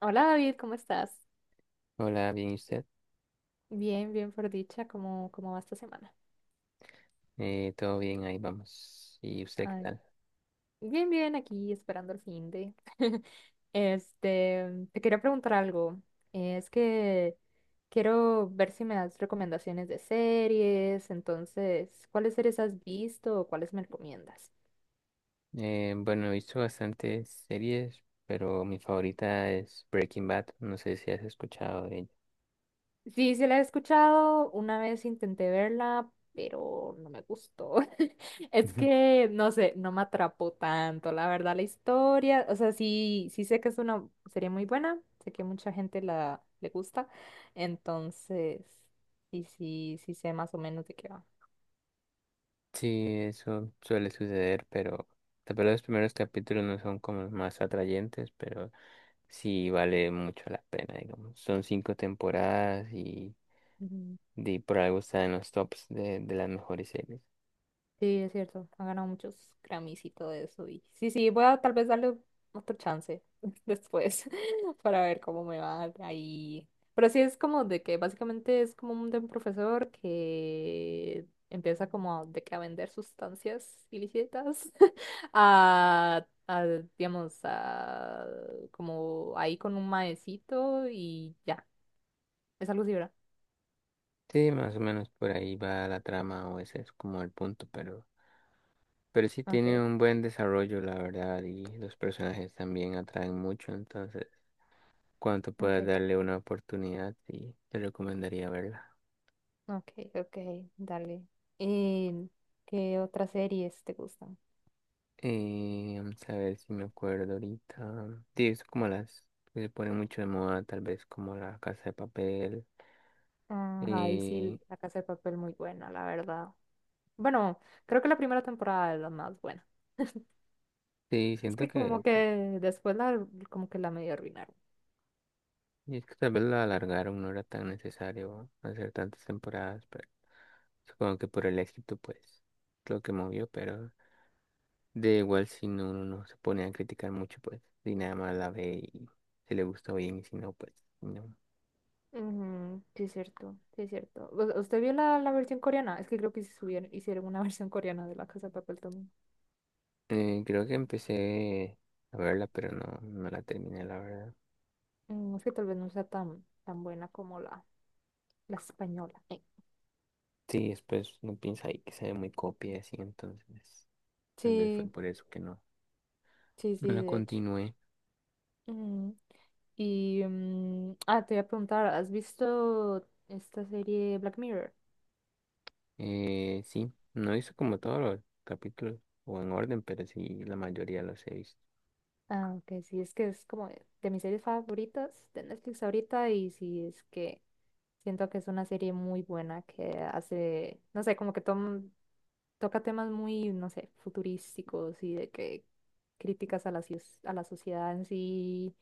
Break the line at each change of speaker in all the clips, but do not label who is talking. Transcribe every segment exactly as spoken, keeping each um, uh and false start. Hola David, ¿cómo estás?
Hola, bien, ¿y usted?
Bien, bien por dicha, ¿cómo, cómo va esta semana?
Eh, todo bien, ahí vamos. ¿Y usted qué
Ay,
tal?
bien, bien, aquí esperando el fin de. Este, te quería preguntar algo. Es que quiero ver si me das recomendaciones de series, entonces, ¿cuáles series has visto o cuáles me recomiendas?
Eh, bueno, he visto bastantes series, pero mi favorita es Breaking Bad. No sé si has escuchado de ella.
Sí, sí la he escuchado, una vez intenté verla, pero no me gustó. Es
Ujú.
que, no sé, no me atrapó tanto, la verdad, la historia, o sea, sí, sí sé que es una serie muy buena, sé que mucha gente la le gusta, entonces, sí, sí, sí sé más o menos de qué va.
Sí, eso suele suceder, pero tal vez los primeros capítulos no son como los más atrayentes, pero sí vale mucho la pena, digamos. Son cinco temporadas y, de- por algo está en los tops de, de las mejores series.
Sí, es cierto. Ha ganado muchos Grammys y todo eso. Y sí, sí, voy a tal vez darle otro chance después para ver cómo me va ahí. Pero sí es como de que básicamente es como un, de un profesor que empieza como de que a vender sustancias ilícitas a, a, digamos, a, como ahí con un maecito y ya. Es algo así, ¿verdad?
Sí, más o menos por ahí va la trama o ese es como el punto, pero... Pero sí
Ok,
tiene un buen desarrollo, la verdad, y los personajes también atraen mucho, entonces, cuanto puedas
ok.
darle una oportunidad, sí, te recomendaría verla.
Ok, ok, dale. ¿Y qué otras series te gustan?
Eh, vamos a ver si me acuerdo ahorita. Sí, es como las que se ponen mucho de moda, tal vez como La Casa de Papel.
Ah, ahí
Eh,
sí, La Casa de Papel muy buena, la verdad. Bueno, creo que la primera temporada es la más buena.
sí,
Es
siento
que
que,
como
t-
que después la, como que la medio arruinaron.
Y es que tal vez la alargaron, no era tan necesario hacer tantas temporadas, pero supongo que por el éxito, pues, lo que movió, pero... De igual si no, uno no se pone a criticar mucho, pues, y nada más la ve y se le gusta bien, y si no, pues, no.
Ujú, sí, es cierto, sí, es cierto. ¿U- ¿Usted vio la, la versión coreana? Es que creo que sí subieron, hicieron una versión coreana de La Casa de Papel también.
Eh, creo que empecé a verla, pero no, no la terminé, la verdad.
Mm, es que tal vez no sea tan, tan buena como la, la española. Eh.
Sí, después no piensa ahí que se ve muy copia y así, entonces, tal vez fue
Sí,
por eso que no,
sí,
no
sí,
la
de hecho.
continué.
Mm. Y mm, ah, te voy a preguntar, ¿has visto esta serie Black Mirror?
Eh, sí, no hice como todos los capítulos o en orden, pero sí, la mayoría los he visto.
Ah, ok, sí, es que es como de de mis series favoritas de Netflix ahorita y sí, es que siento que es una serie muy buena que hace, no sé, como que tom- toca temas muy, no sé, futurísticos y de que críticas a la, cies- a la sociedad en sí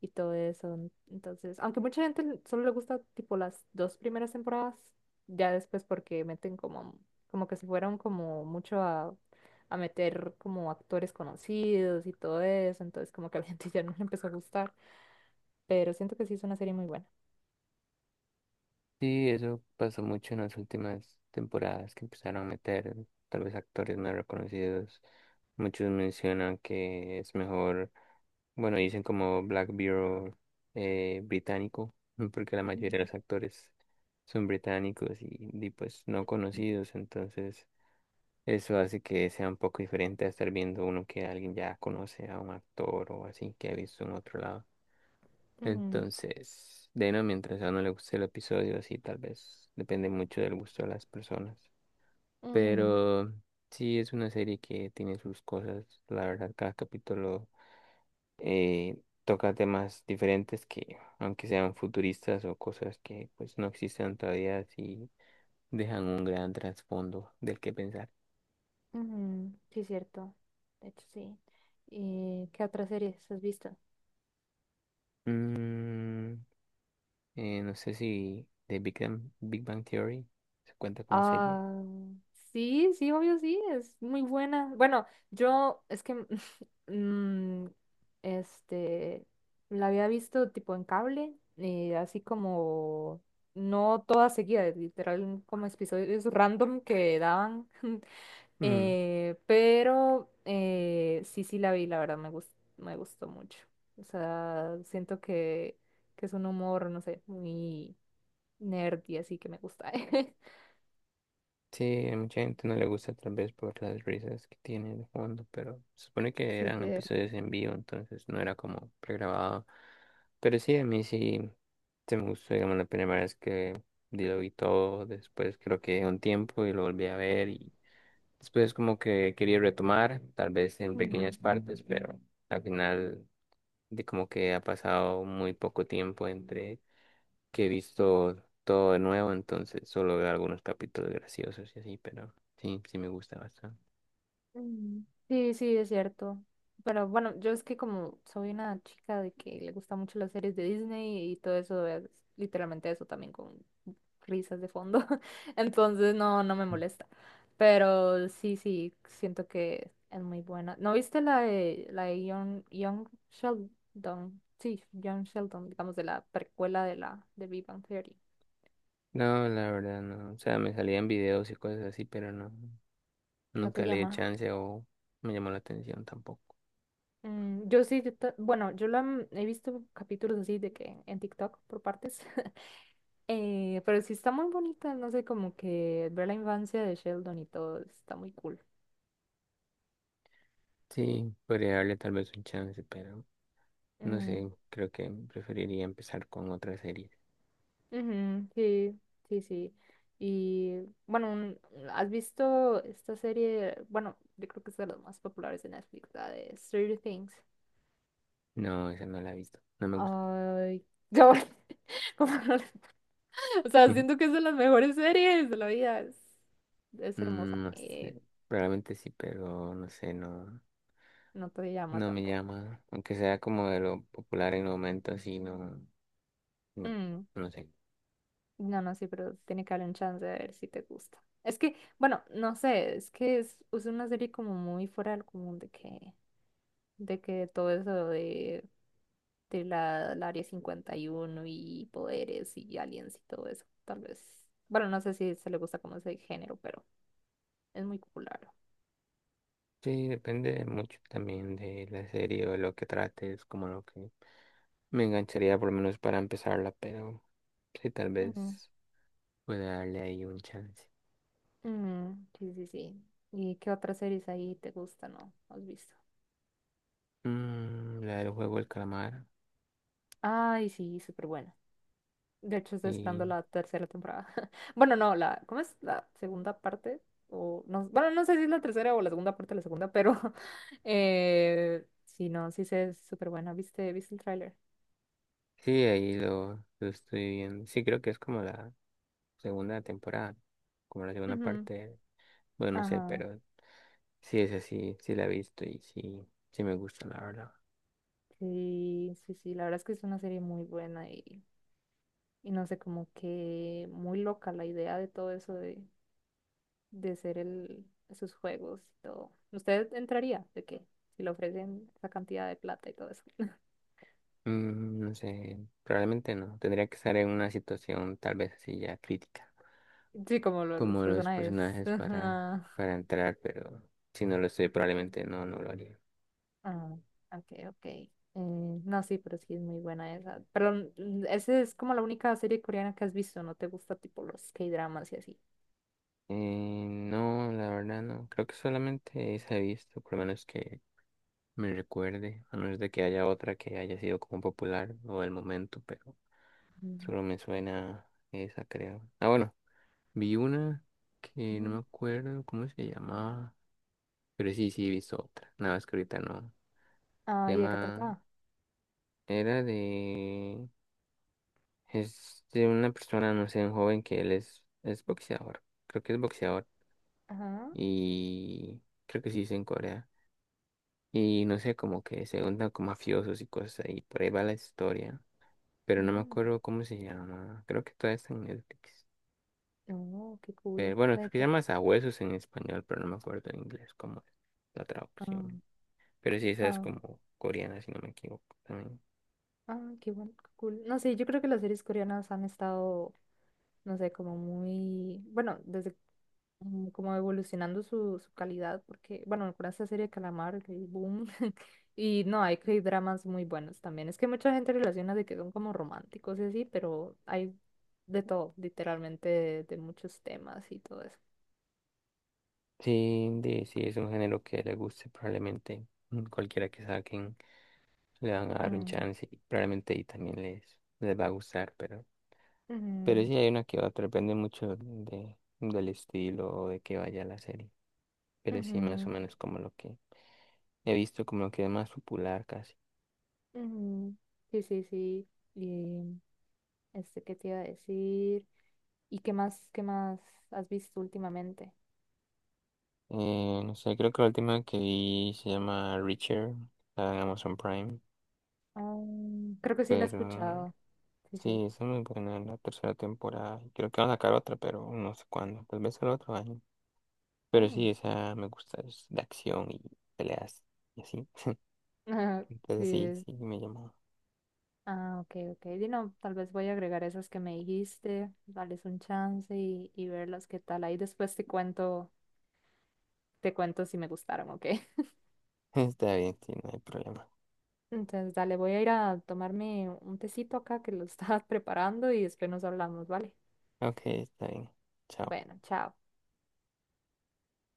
y todo eso. Entonces, aunque mucha gente l- solo le gusta tipo las dos primeras temporadas, ya después porque meten como, como que se fueron como mucho a, a meter como actores conocidos y todo eso, entonces como que a la gente ya no le empezó a gustar, pero siento que sí es una serie muy buena.
Sí, eso pasó mucho en las últimas temporadas que empezaron a meter tal vez actores no reconocidos. Muchos mencionan que es mejor, bueno, dicen como Black Bureau eh, británico, porque la mayoría de los actores son británicos y, y, pues no conocidos, entonces eso hace que sea un poco diferente a estar viendo uno que alguien ya conoce a un actor o así que ha visto en otro lado.
Ujú,
Entonces, de no, mientras a uno le guste el episodio, así tal vez depende mucho del gusto de las personas.
ujú,
Pero sí es una serie que tiene sus cosas. La verdad, cada capítulo eh, toca temas diferentes que, aunque sean futuristas o cosas que pues no existen todavía, sí dejan un gran trasfondo del que pensar.
ujú, sí, es cierto. De hecho, sí. ¿Y qué otras series has visto?
Mm, eh, no sé si The Big Bang, Big Bang Theory se cuenta como serie.
Ah, sí, sí, obvio, sí, es muy buena. Bueno, yo es que mm, este la había visto tipo en cable, eh, así como no toda seguida, literal como episodios random que daban.
Mm,
eh, pero eh, sí, sí la vi, la verdad me gus- me gustó mucho. O sea, siento que, que es un humor, no sé, muy nerdy, así que me gusta.
Sí, a mucha gente no le gusta tal vez por las risas que tiene de fondo, pero se supone que
Sí,
eran
sí.
episodios en vivo, entonces no era como pregrabado. Pero sí, a mí sí se me gustó, digamos, la primera vez que lo vi todo, después creo que un tiempo y lo volví a ver y después como que quería retomar, tal vez en
Mm,
pequeñas partes, pero al final de como que ha pasado muy poco tiempo entre que he visto todo de nuevo, entonces solo veo algunos capítulos graciosos y así, pero sí, sí me gusta bastante.
mm. Sí, sí, es cierto. Pero bueno, yo es que como soy una chica de que le gusta mucho las series de Disney y todo eso, es literalmente eso también con risas de fondo. Entonces no, no me molesta. Pero sí, sí, siento que es muy buena. ¿No viste la de la de Young, Young Sheldon? Sí, Young Sheldon, digamos de la precuela de la de Big Bang Theory.
No, la verdad no. O sea, me salían videos y cosas así, pero no,
¿No te
nunca le di el
llama?
chance o me llamó la atención tampoco.
Mm, yo sí, yo ta- bueno, yo la mm, he visto capítulos así de que en TikTok por partes, eh, pero sí está muy bonita, no sé, como que ver la infancia de Sheldon y todo, está muy cool.
Sí, podría darle tal vez un chance, pero no
Mm,
sé, creo que preferiría empezar con otra serie.
ujú, sí, sí, sí. Y bueno, un- ¿has visto esta serie? Bueno, yo creo que es de las más populares de Netflix, la de Stranger Things.
No, esa no la he visto, no me gusta.
Ay, yo, como no- o sea, siento que es de las mejores series de la vida, es, es hermosa.
Mm, No
Eh.
sé, probablemente sí, pero no sé, no.
No te llama
No me
tampoco.
llama, aunque sea como de lo popular en el momento, así no, no,
Mm.
no sé.
No, no, sí, pero tiene que haber un chance de ver si te gusta. Es que, bueno, no sé, es que es, es una serie como muy fuera del común de que, de que todo eso de, de la, la Área cincuenta y uno y uno y poderes y aliens y todo eso, tal vez. Bueno, no sé si se le gusta como ese género, pero es muy popular.
Sí, depende mucho también de la serie o de lo que trate es como lo que me engancharía por lo menos para empezarla, pero sí, tal
Ujú.
vez pueda darle ahí un chance.
Mm, sí, sí, sí. ¿Y qué otras series ahí te gustan, no? ¿Has visto?
Mm, la del juego del calamar,
Ay, sí, súper. De hecho, estoy esperando
y
la tercera temporada. Bueno, no, la, ¿cómo es la segunda parte? O no, bueno, no sé si es la tercera o la segunda parte de la segunda, pero eh, sí, no, sí sé, es súper buena. ¿Viste, viste el tráiler?
sí, ahí lo, lo estoy viendo. Sí, creo que es como la segunda temporada, como la segunda
Ujú.
parte, bueno, no sé,
Ajá.
pero sí es así, sí la he visto y sí, sí me gusta, la verdad.
Sí, sí, sí, la verdad es que es una serie muy buena y, y no sé, como que muy loca la idea de todo eso de, de ser el, esos juegos y todo. ¿Usted entraría? ¿De qué? Si le ofrecen esa cantidad de plata y todo eso.
Mm, no sé, probablemente no. Tendría que estar en una situación tal vez así ya crítica,
Sí, como lo- los
como los
personajes.
personajes para,
Ajá.
para entrar, pero si no lo estoy, probablemente no, no lo haría.
Ah, ok, ok. Eh, no, sí, pero sí es muy buena esa. Pero mm, esa es como la única serie coreana que has visto, ¿no te gusta tipo los K-dramas y así?
Eh, no, la verdad no. Creo que solamente esa he visto, por lo menos que me recuerde, a menos de que haya otra que haya sido como popular o del momento, pero
Mm.
solo me suena esa, creo. Ah, bueno, vi una que no
Ujú.
me acuerdo cómo se llamaba, pero sí, sí he visto otra. Nada más que ahorita no. Se
Ah, ¿y de qué
llama,
trataba?
era de, es de una persona, no sé, un joven que él es, es boxeador, creo que es boxeador,
Ajá.
y creo que sí es en Corea, y no sé, como que se juntan con mafiosos y cosas, y por ahí va la historia, pero no me
Mm.
acuerdo cómo se llama, creo que todavía está en Netflix,
Oh, qué cool.
pero bueno,
La
creo
De
que se
qué-
llama Sabuesos en español, pero no me acuerdo en inglés cómo es la
Ah,
traducción, pero sí, esa es
ah,
como coreana, si no me equivoco, también.
ah, qué bueno, qué cool. No sé, yo creo que las series coreanas han estado no sé, como muy, bueno, desde mm, como evolucionando su, su calidad, porque, bueno, con esta serie de Calamar, que boom, y no, hay que hay dramas muy buenos también. Es que mucha gente relaciona de que son como románticos y así, pero hay de todo, literalmente, de, de muchos temas y todo eso.
Sí, de- sí, es un género que le guste, probablemente mm, cualquiera que saquen le van a dar un
Mm,
chance y probablemente y también les, les va a gustar, pero, pero
ujú,
sí hay una que otra, depende mucho de, del estilo o de que vaya la serie, pero sí más o
ujú,
menos como lo que he visto, como lo que es más popular casi.
ujú. Sí, sí, sí. Y este, ¿qué te iba a decir? ¿Y qué más, qué más has visto últimamente?
Eh, no sé, creo que la última que vi se llama Reacher, está en Amazon Prime,
Ah, creo que sí la he
pero
escuchado. Sí, sí.
sí, es muy buena la tercera temporada, creo que van a sacar otra, pero no sé cuándo, tal vez el otro año. Pero
Ah,
sí, esa me gusta es la acción y peleas y así.
sí.
Entonces sí,
es-
sí, me llamó.
Ah, ok, ok. Y no, tal vez voy a agregar esas que me dijiste, darles un chance y, y verlas qué tal. Ahí después te cuento, te cuento si me gustaron, ok.
Está bien, sí, no hay problema.
Entonces, dale, voy a ir a tomarme un tecito acá que lo estaba preparando y después nos hablamos, ¿vale?
Ok, está bien. Chao.
Bueno, chao.